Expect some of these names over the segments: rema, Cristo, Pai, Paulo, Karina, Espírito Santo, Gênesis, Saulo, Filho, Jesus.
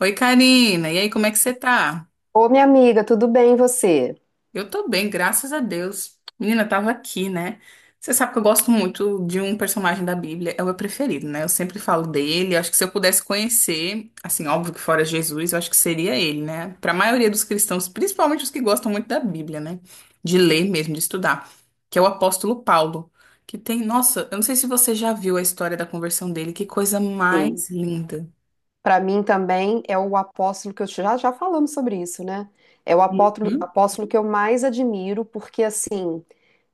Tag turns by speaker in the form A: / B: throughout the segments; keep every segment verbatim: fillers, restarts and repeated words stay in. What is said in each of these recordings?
A: Oi, Karina. E aí, como é que você tá?
B: Ô, minha amiga, tudo bem e você?
A: Eu tô bem, graças a Deus. Menina, eu tava aqui, né? Você sabe que eu gosto muito de um personagem da Bíblia, é o meu preferido, né? Eu sempre falo dele. Acho que se eu pudesse conhecer, assim, óbvio que fora Jesus, eu acho que seria ele, né? Pra maioria dos cristãos, principalmente os que gostam muito da Bíblia, né? De ler mesmo, de estudar, que é o apóstolo Paulo, que tem, nossa, eu não sei se você já viu a história da conversão dele, que coisa
B: Sim.
A: mais linda.
B: Para mim também é o apóstolo que eu já já falamos sobre isso, né? É o apóstolo,
A: Uhum.
B: apóstolo que eu mais admiro, porque assim,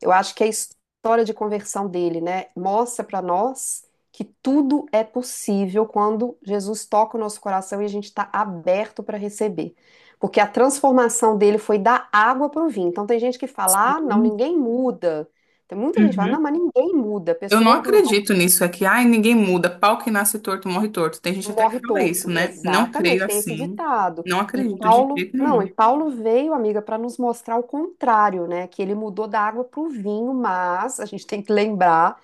B: eu acho que a história de conversão dele, né, mostra para nós que tudo é possível quando Jesus toca o nosso coração e a gente está aberto para receber. Porque a transformação dele foi da água para o vinho. Então tem gente que fala: "Ah, não, ninguém muda". Tem muita gente que fala:
A: Uhum.
B: "Não, mas ninguém muda. A
A: Eu não
B: pessoa não".
A: acredito nisso, é que, ai, ninguém muda, pau que nasce torto morre torto. Tem gente até que
B: Morre
A: fala isso,
B: torto,
A: né? Não creio
B: exatamente, tem esse
A: assim,
B: ditado.
A: não
B: E
A: acredito de
B: Paulo,
A: jeito
B: não, e
A: nenhum.
B: Paulo veio, amiga, para nos mostrar o contrário, né? Que ele mudou da água para o vinho, mas a gente tem que lembrar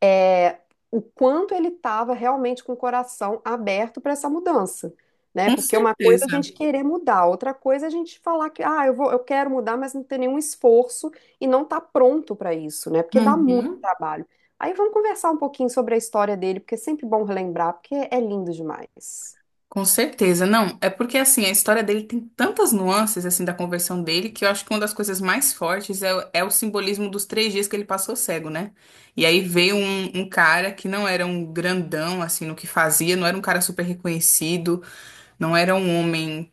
B: é, o quanto ele estava realmente com o coração aberto para essa mudança, né?
A: Com
B: Porque uma coisa é a
A: certeza.
B: gente querer mudar, outra coisa é a gente falar que, ah, eu vou, eu quero mudar, mas não ter nenhum esforço e não tá pronto para isso, né? Porque dá muito
A: Uhum.
B: trabalho. Aí vamos conversar um pouquinho sobre a história dele, porque é sempre bom relembrar, porque é lindo demais.
A: Com certeza, não. É porque, assim, a história dele tem tantas nuances, assim, da conversão dele, que eu acho que uma das coisas mais fortes é, o- é o simbolismo dos três dias que ele passou cego, né? E aí veio um, um cara que não era um grandão, assim, no que fazia, não era um cara super reconhecido, não era um homem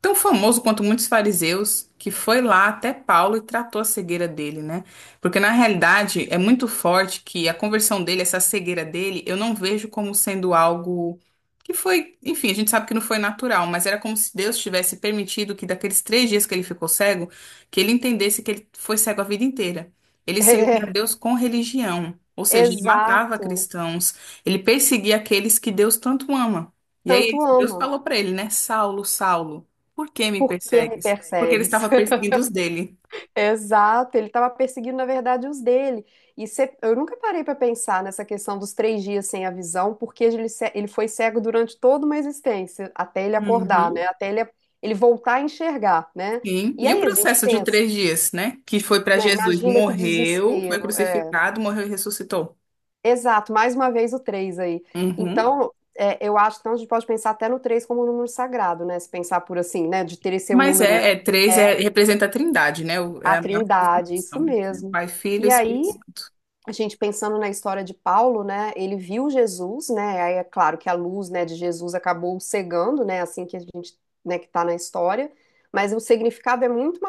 A: tão famoso quanto muitos fariseus, que foi lá até Paulo e tratou a cegueira dele, né? Porque na realidade é muito forte que a conversão dele, essa cegueira dele, eu não vejo como sendo algo que foi, enfim, a gente sabe que não foi natural, mas era como se Deus tivesse permitido que daqueles três dias que ele ficou cego, que ele entendesse que ele foi cego a vida inteira. Ele servia a Deus com religião, ou
B: É,
A: seja, ele matava
B: exato.
A: cristãos, ele perseguia aqueles que Deus tanto ama. E
B: Tanto
A: aí Deus
B: ama.
A: falou para ele, né, Saulo, Saulo. Por que me
B: Por que me
A: persegues? Porque ele
B: persegues?
A: estava perseguindo os dele.
B: Exato, ele estava perseguindo, na verdade, os dele. E cê- eu nunca parei para pensar nessa questão dos três dias sem a visão, porque ele, ce- ele foi cego durante toda uma existência, até ele acordar, né?
A: Uhum,
B: Até ele, ele voltar a enxergar, né?
A: sim.
B: E
A: E o
B: aí a gente
A: processo de
B: pensa,
A: três dias, né? Que foi para
B: né?
A: Jesus.
B: Imagina que
A: Morreu, foi
B: desespero. É.
A: crucificado, morreu e ressuscitou.
B: Exato, mais uma vez o três aí.
A: Uhum.
B: Então, é, eu acho que então, a gente pode pensar até no três como um número sagrado, né? Se pensar por assim, né? De ter esse um
A: Mas
B: número,
A: é, é três,
B: é,
A: é, representa a trindade, né? O- É
B: a
A: a maior
B: trindade, isso
A: representação.
B: mesmo.
A: Pai, Filho e
B: E
A: Espírito
B: aí,
A: Santo.
B: a gente pensando na história de Paulo, né? Ele viu Jesus, né? Aí é claro que a luz, né, de Jesus acabou cegando, né? Assim que a gente, né, que está na história. Mas o significado é muito,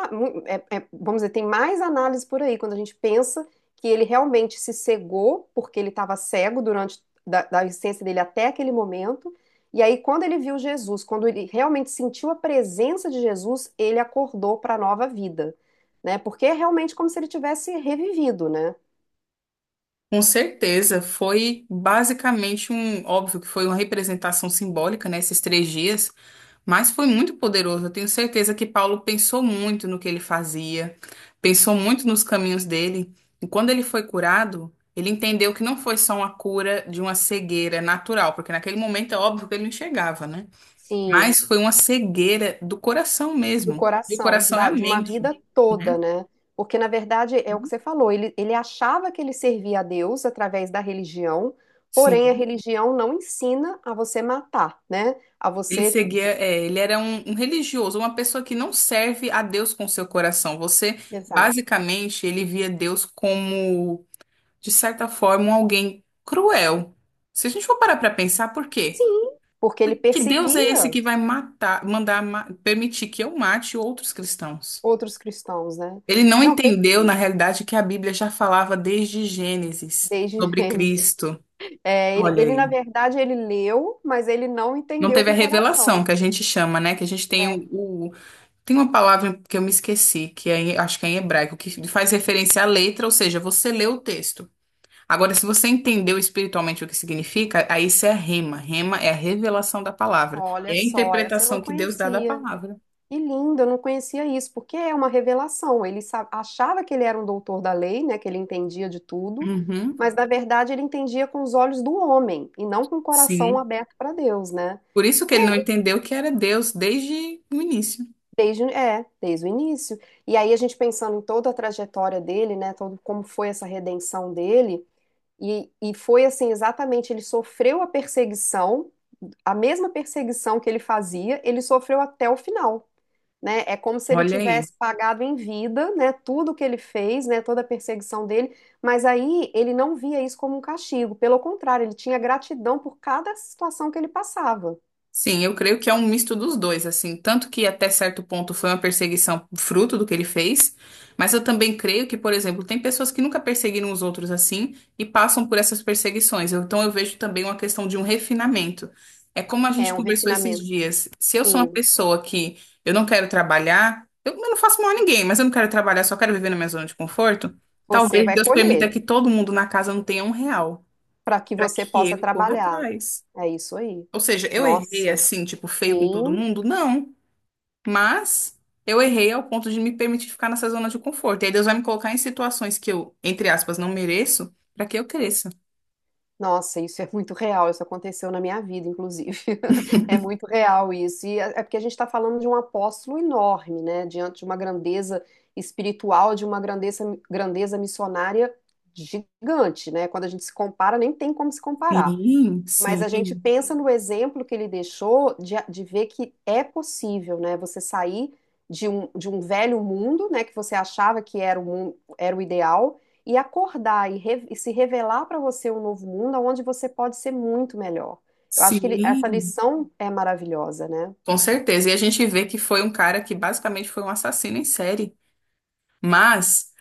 B: é- é- vamos dizer, tem mais análise por aí quando a gente pensa que ele realmente se cegou porque ele estava cego durante da, da existência dele até aquele momento. E aí, quando ele viu Jesus, quando ele realmente sentiu a presença de Jesus, ele acordou para a nova vida, né? Porque é realmente como se ele tivesse revivido, né?
A: Com certeza, foi basicamente um, óbvio que foi uma representação simbólica, né, esses três dias, mas foi muito poderoso. Eu tenho certeza que Paulo pensou muito no que ele fazia, pensou muito nos caminhos dele, e quando ele foi curado, ele entendeu que não foi só uma cura de uma cegueira natural, porque naquele momento é óbvio que ele não enxergava, né?
B: Sim,
A: Mas foi uma cegueira do coração
B: do
A: mesmo. E o
B: coração,
A: coração é a
B: da- de uma
A: mente,
B: vida toda,
A: né?
B: né? Porque, na verdade, é o que você falou, ele, ele achava que ele servia a Deus através da religião, porém a
A: Sim.
B: religião não ensina a você matar, né? A
A: Ele
B: você.
A: seguia,
B: De-
A: é, ele era um, um religioso, uma pessoa que não serve a Deus com seu coração. Você,
B: Exato.
A: basicamente, ele via Deus como, de certa forma, um alguém cruel. Se a gente for parar para pensar, por quê?
B: Sim, porque ele
A: Porque Deus é esse
B: perseguia
A: que vai matar, mandar, ma- permitir que eu mate outros cristãos.
B: outros cristãos, né?
A: Ele não
B: Não,
A: entendeu, na
B: perfeito,
A: realidade, que a Bíblia já falava desde Gênesis
B: desde
A: sobre
B: Gênesis.
A: Cristo.
B: É, ele,
A: Olha
B: ele, na
A: aí.
B: verdade, ele leu, mas ele não
A: Não
B: entendeu
A: teve
B: com
A: a
B: o coração.
A: revelação que a gente chama, né? Que a gente tem
B: É,
A: o, Tem uma palavra que eu me esqueci, que é, em- acho que é em hebraico, que faz referência à letra, ou seja, você lê o texto. Agora, se você entendeu espiritualmente o que significa, aí isso é rema. Rema é a revelação da palavra.
B: olha
A: É a
B: só, essa eu não
A: interpretação que Deus dá da
B: conhecia.
A: palavra.
B: Que lindo, eu não conhecia isso, porque é uma revelação. Ele sa- achava que ele era um doutor da lei, né, que ele entendia de tudo,
A: Uhum,
B: mas na verdade ele entendia com os olhos do homem e não com o coração
A: sim.
B: aberto para Deus, né?
A: Por isso que
B: E
A: ele
B: aí,
A: não entendeu que era Deus desde o início.
B: desde, é, desde o início. E aí a gente pensando em toda a trajetória dele, né, todo como foi essa redenção dele, e, e foi assim, exatamente, ele sofreu a perseguição, a mesma perseguição que ele fazia, ele sofreu até o final. Né? É como se ele
A: Olha aí.
B: tivesse pagado em vida, né, tudo que ele fez, né, toda a perseguição dele, mas aí ele não via isso como um castigo, pelo contrário, ele tinha gratidão por cada situação que ele passava.
A: Sim, eu creio que é um misto dos dois, assim, tanto que até certo ponto foi uma perseguição fruto do que ele fez, mas eu também creio que, por exemplo, tem pessoas que nunca perseguiram os outros assim e passam por essas perseguições. Eu- Então eu vejo também uma questão de um refinamento. É como a
B: É
A: gente
B: um
A: conversou esses
B: refinamento.
A: dias. Se eu sou uma
B: Sim,
A: pessoa que eu não quero trabalhar, eu eu não faço mal a ninguém, mas eu não quero trabalhar, só quero viver na minha zona de conforto,
B: você
A: talvez
B: vai
A: Deus permita
B: colher
A: que todo mundo na casa não tenha um real,
B: para que
A: para
B: você
A: que
B: possa
A: eu corra
B: trabalhar.
A: atrás.
B: É isso aí.
A: Ou seja, eu errei
B: Nossa,
A: assim, tipo, feio com todo
B: sim.
A: mundo? Não. Mas eu errei ao ponto de me permitir ficar nessa zona de conforto. E aí Deus vai me colocar em situações que eu, entre aspas, não mereço, para que eu cresça.
B: Nossa, isso é muito real. Isso aconteceu na minha vida, inclusive. É muito real isso. E é é porque a gente está falando de um apóstolo enorme, né? Diante de uma grandeza espiritual, de uma grandeza, grandeza missionária gigante, né? Quando a gente se compara, nem tem como se comparar.
A: Sim,
B: Mas a gente
A: sim,
B: pensa no exemplo que ele deixou de, de ver que é possível, né? Você sair de um, de um velho mundo, né? Que você achava que era o, mun- era o ideal, e acordar e, re- e se revelar para você um novo mundo onde você pode ser muito melhor. Eu acho que ele- essa
A: sim.
B: lição é maravilhosa, né?
A: Com certeza. E a gente vê que foi um cara que basicamente foi um assassino em série. Mas,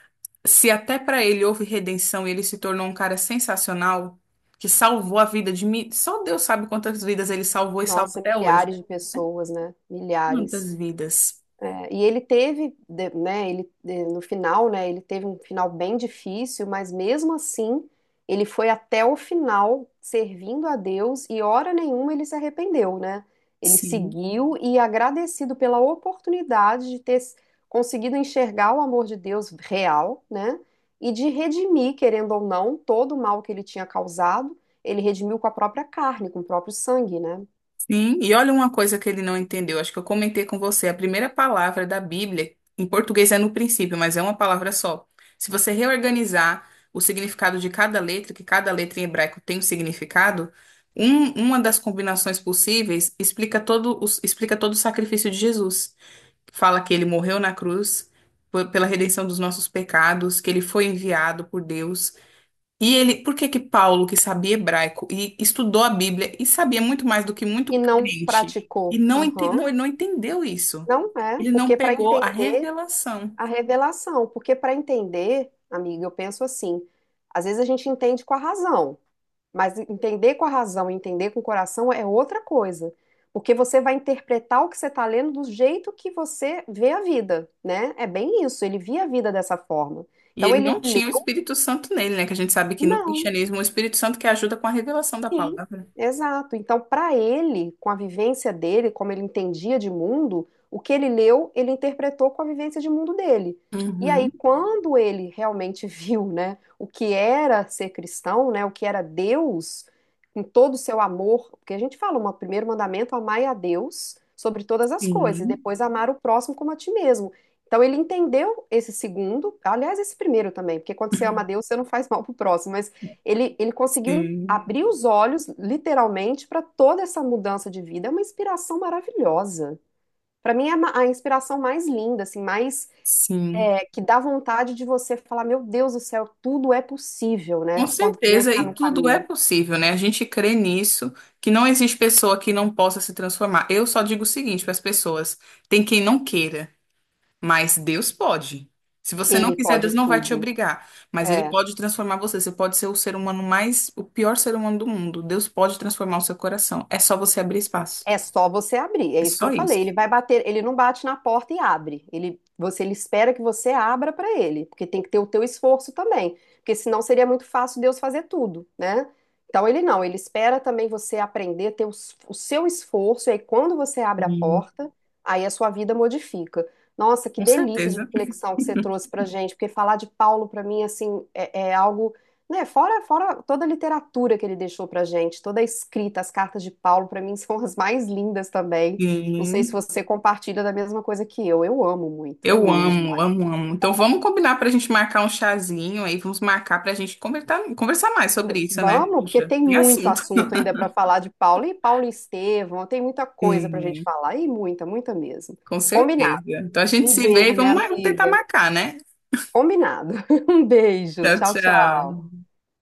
A: se até para ele houve redenção e ele se tornou um cara sensacional, que salvou a vida de mim, só Deus sabe quantas vidas ele salvou e salva
B: Nossa,
A: até hoje.
B: milhares de pessoas, né? Milhares.
A: Quantas vidas?
B: É, e ele teve, de- né, ele, de- no final, né, ele teve um final bem difícil, mas mesmo assim, ele foi até o final servindo a Deus e hora nenhuma ele se arrependeu, né? Ele
A: Sim.
B: seguiu e agradecido pela oportunidade de ter s- conseguido enxergar o amor de Deus real, né? E de redimir, querendo ou não, todo o mal que ele tinha causado, ele redimiu com a própria carne, com o próprio sangue, né?
A: Sim, e olha uma coisa que ele não entendeu. Acho que eu comentei com você. A primeira palavra da Bíblia, em português é no princípio, mas é uma palavra só. Se você reorganizar o significado de cada letra, que cada letra em hebraico tem um significado, um- uma das combinações possíveis explica todo, os- explica todo o sacrifício de Jesus. Fala que ele morreu na cruz por- pela redenção dos nossos pecados, que ele foi enviado por Deus. E ele, por que que Paulo, que sabia hebraico e estudou a Bíblia e sabia muito mais do que muito
B: E não
A: crente, e
B: praticou.
A: não, ente, não,
B: Aham.
A: ele não entendeu isso?
B: Não é,
A: Ele não
B: porque para Não.
A: pegou a
B: entender
A: revelação.
B: a revelação, porque para entender, amiga, eu penso assim, às vezes a gente entende com a razão, mas entender com a razão e entender com o coração é outra coisa, porque você vai interpretar o que você está lendo do jeito que você vê a vida, né? É bem isso, ele via a vida dessa forma.
A: E
B: Então
A: ele
B: ele
A: não
B: lê,
A: tinha o Espírito Santo nele, né? Que a gente sabe que no
B: não.
A: cristianismo o Espírito Santo que ajuda com a revelação da
B: Sim,
A: palavra.
B: exato. Então, para ele, com a vivência dele, como ele entendia de mundo, o que ele leu, ele interpretou com a vivência de mundo dele. E aí,
A: Uhum.
B: quando ele realmente viu, né, o que era ser cristão, né, o que era Deus, com todo o seu amor, porque a gente fala, o primeiro mandamento, amai a Deus sobre todas as coisas, e
A: Sim,
B: depois amar o próximo como a ti mesmo. Então, ele entendeu esse segundo, aliás, esse primeiro também, porque quando você ama a Deus, você não faz mal pro próximo, mas ele, ele conseguiu
A: sim,
B: abrir os olhos, literalmente, para toda essa mudança de vida. É uma inspiração maravilhosa. Para mim, é a inspiração mais linda, assim, mais
A: sim.
B: é, que dá vontade de você falar: Meu Deus do céu, tudo é possível, né?
A: Com
B: Quando Deus
A: certeza,
B: está
A: e
B: no
A: tudo é
B: caminho,
A: possível, né? A gente crê nisso, que não existe pessoa que não possa se transformar. Eu só digo o seguinte para as pessoas: tem quem não queira. Mas Deus pode. Se você não
B: Ele
A: quiser,
B: pode
A: Deus não vai te
B: tudo.
A: obrigar. Mas Ele
B: É.
A: pode transformar você. Você pode ser o ser humano mais, o pior ser humano do mundo. Deus pode transformar o seu coração. É só você abrir espaço.
B: É só você abrir, é
A: É
B: isso que
A: só
B: eu falei.
A: isso.
B: Ele vai bater, ele não bate na porta e abre. Ele, você, ele espera que você abra para ele, porque tem que ter o teu esforço também, porque senão seria muito fácil Deus fazer tudo, né? Então ele não, ele espera também você aprender, ter o, s- o seu esforço, e aí quando você abre a
A: Sim.
B: porta, aí a sua vida modifica. Nossa, que
A: Com
B: delícia de
A: certeza.
B: reflexão que você trouxe pra gente, porque falar de Paulo para mim assim é, é algo né, fora, fora toda a literatura que ele deixou pra gente, toda a escrita, as cartas de Paulo, pra mim são as mais lindas também. Não sei se
A: Sim.
B: você compartilha da mesma coisa que eu. Eu amo muito, é
A: Eu
B: lindo
A: amo,
B: demais.
A: amo, amo. Então vamos combinar para a gente marcar um chazinho aí. Vamos marcar para a gente conversar, conversar mais sobre isso, né?
B: Vamos, porque
A: Puxa,
B: tem
A: tem
B: muito
A: assunto.
B: assunto ainda pra falar de Paulo e Paulo e Estevão, tem muita coisa pra gente
A: Sim,
B: falar e muita, muita mesmo.
A: com
B: Combinado.
A: certeza. Então a gente
B: Um
A: se vê e
B: beijo, minha
A: vamos mar- tentar
B: amiga.
A: marcar, né?
B: Combinado. Um beijo.
A: Tchau,
B: Tchau, tchau.
A: tchau.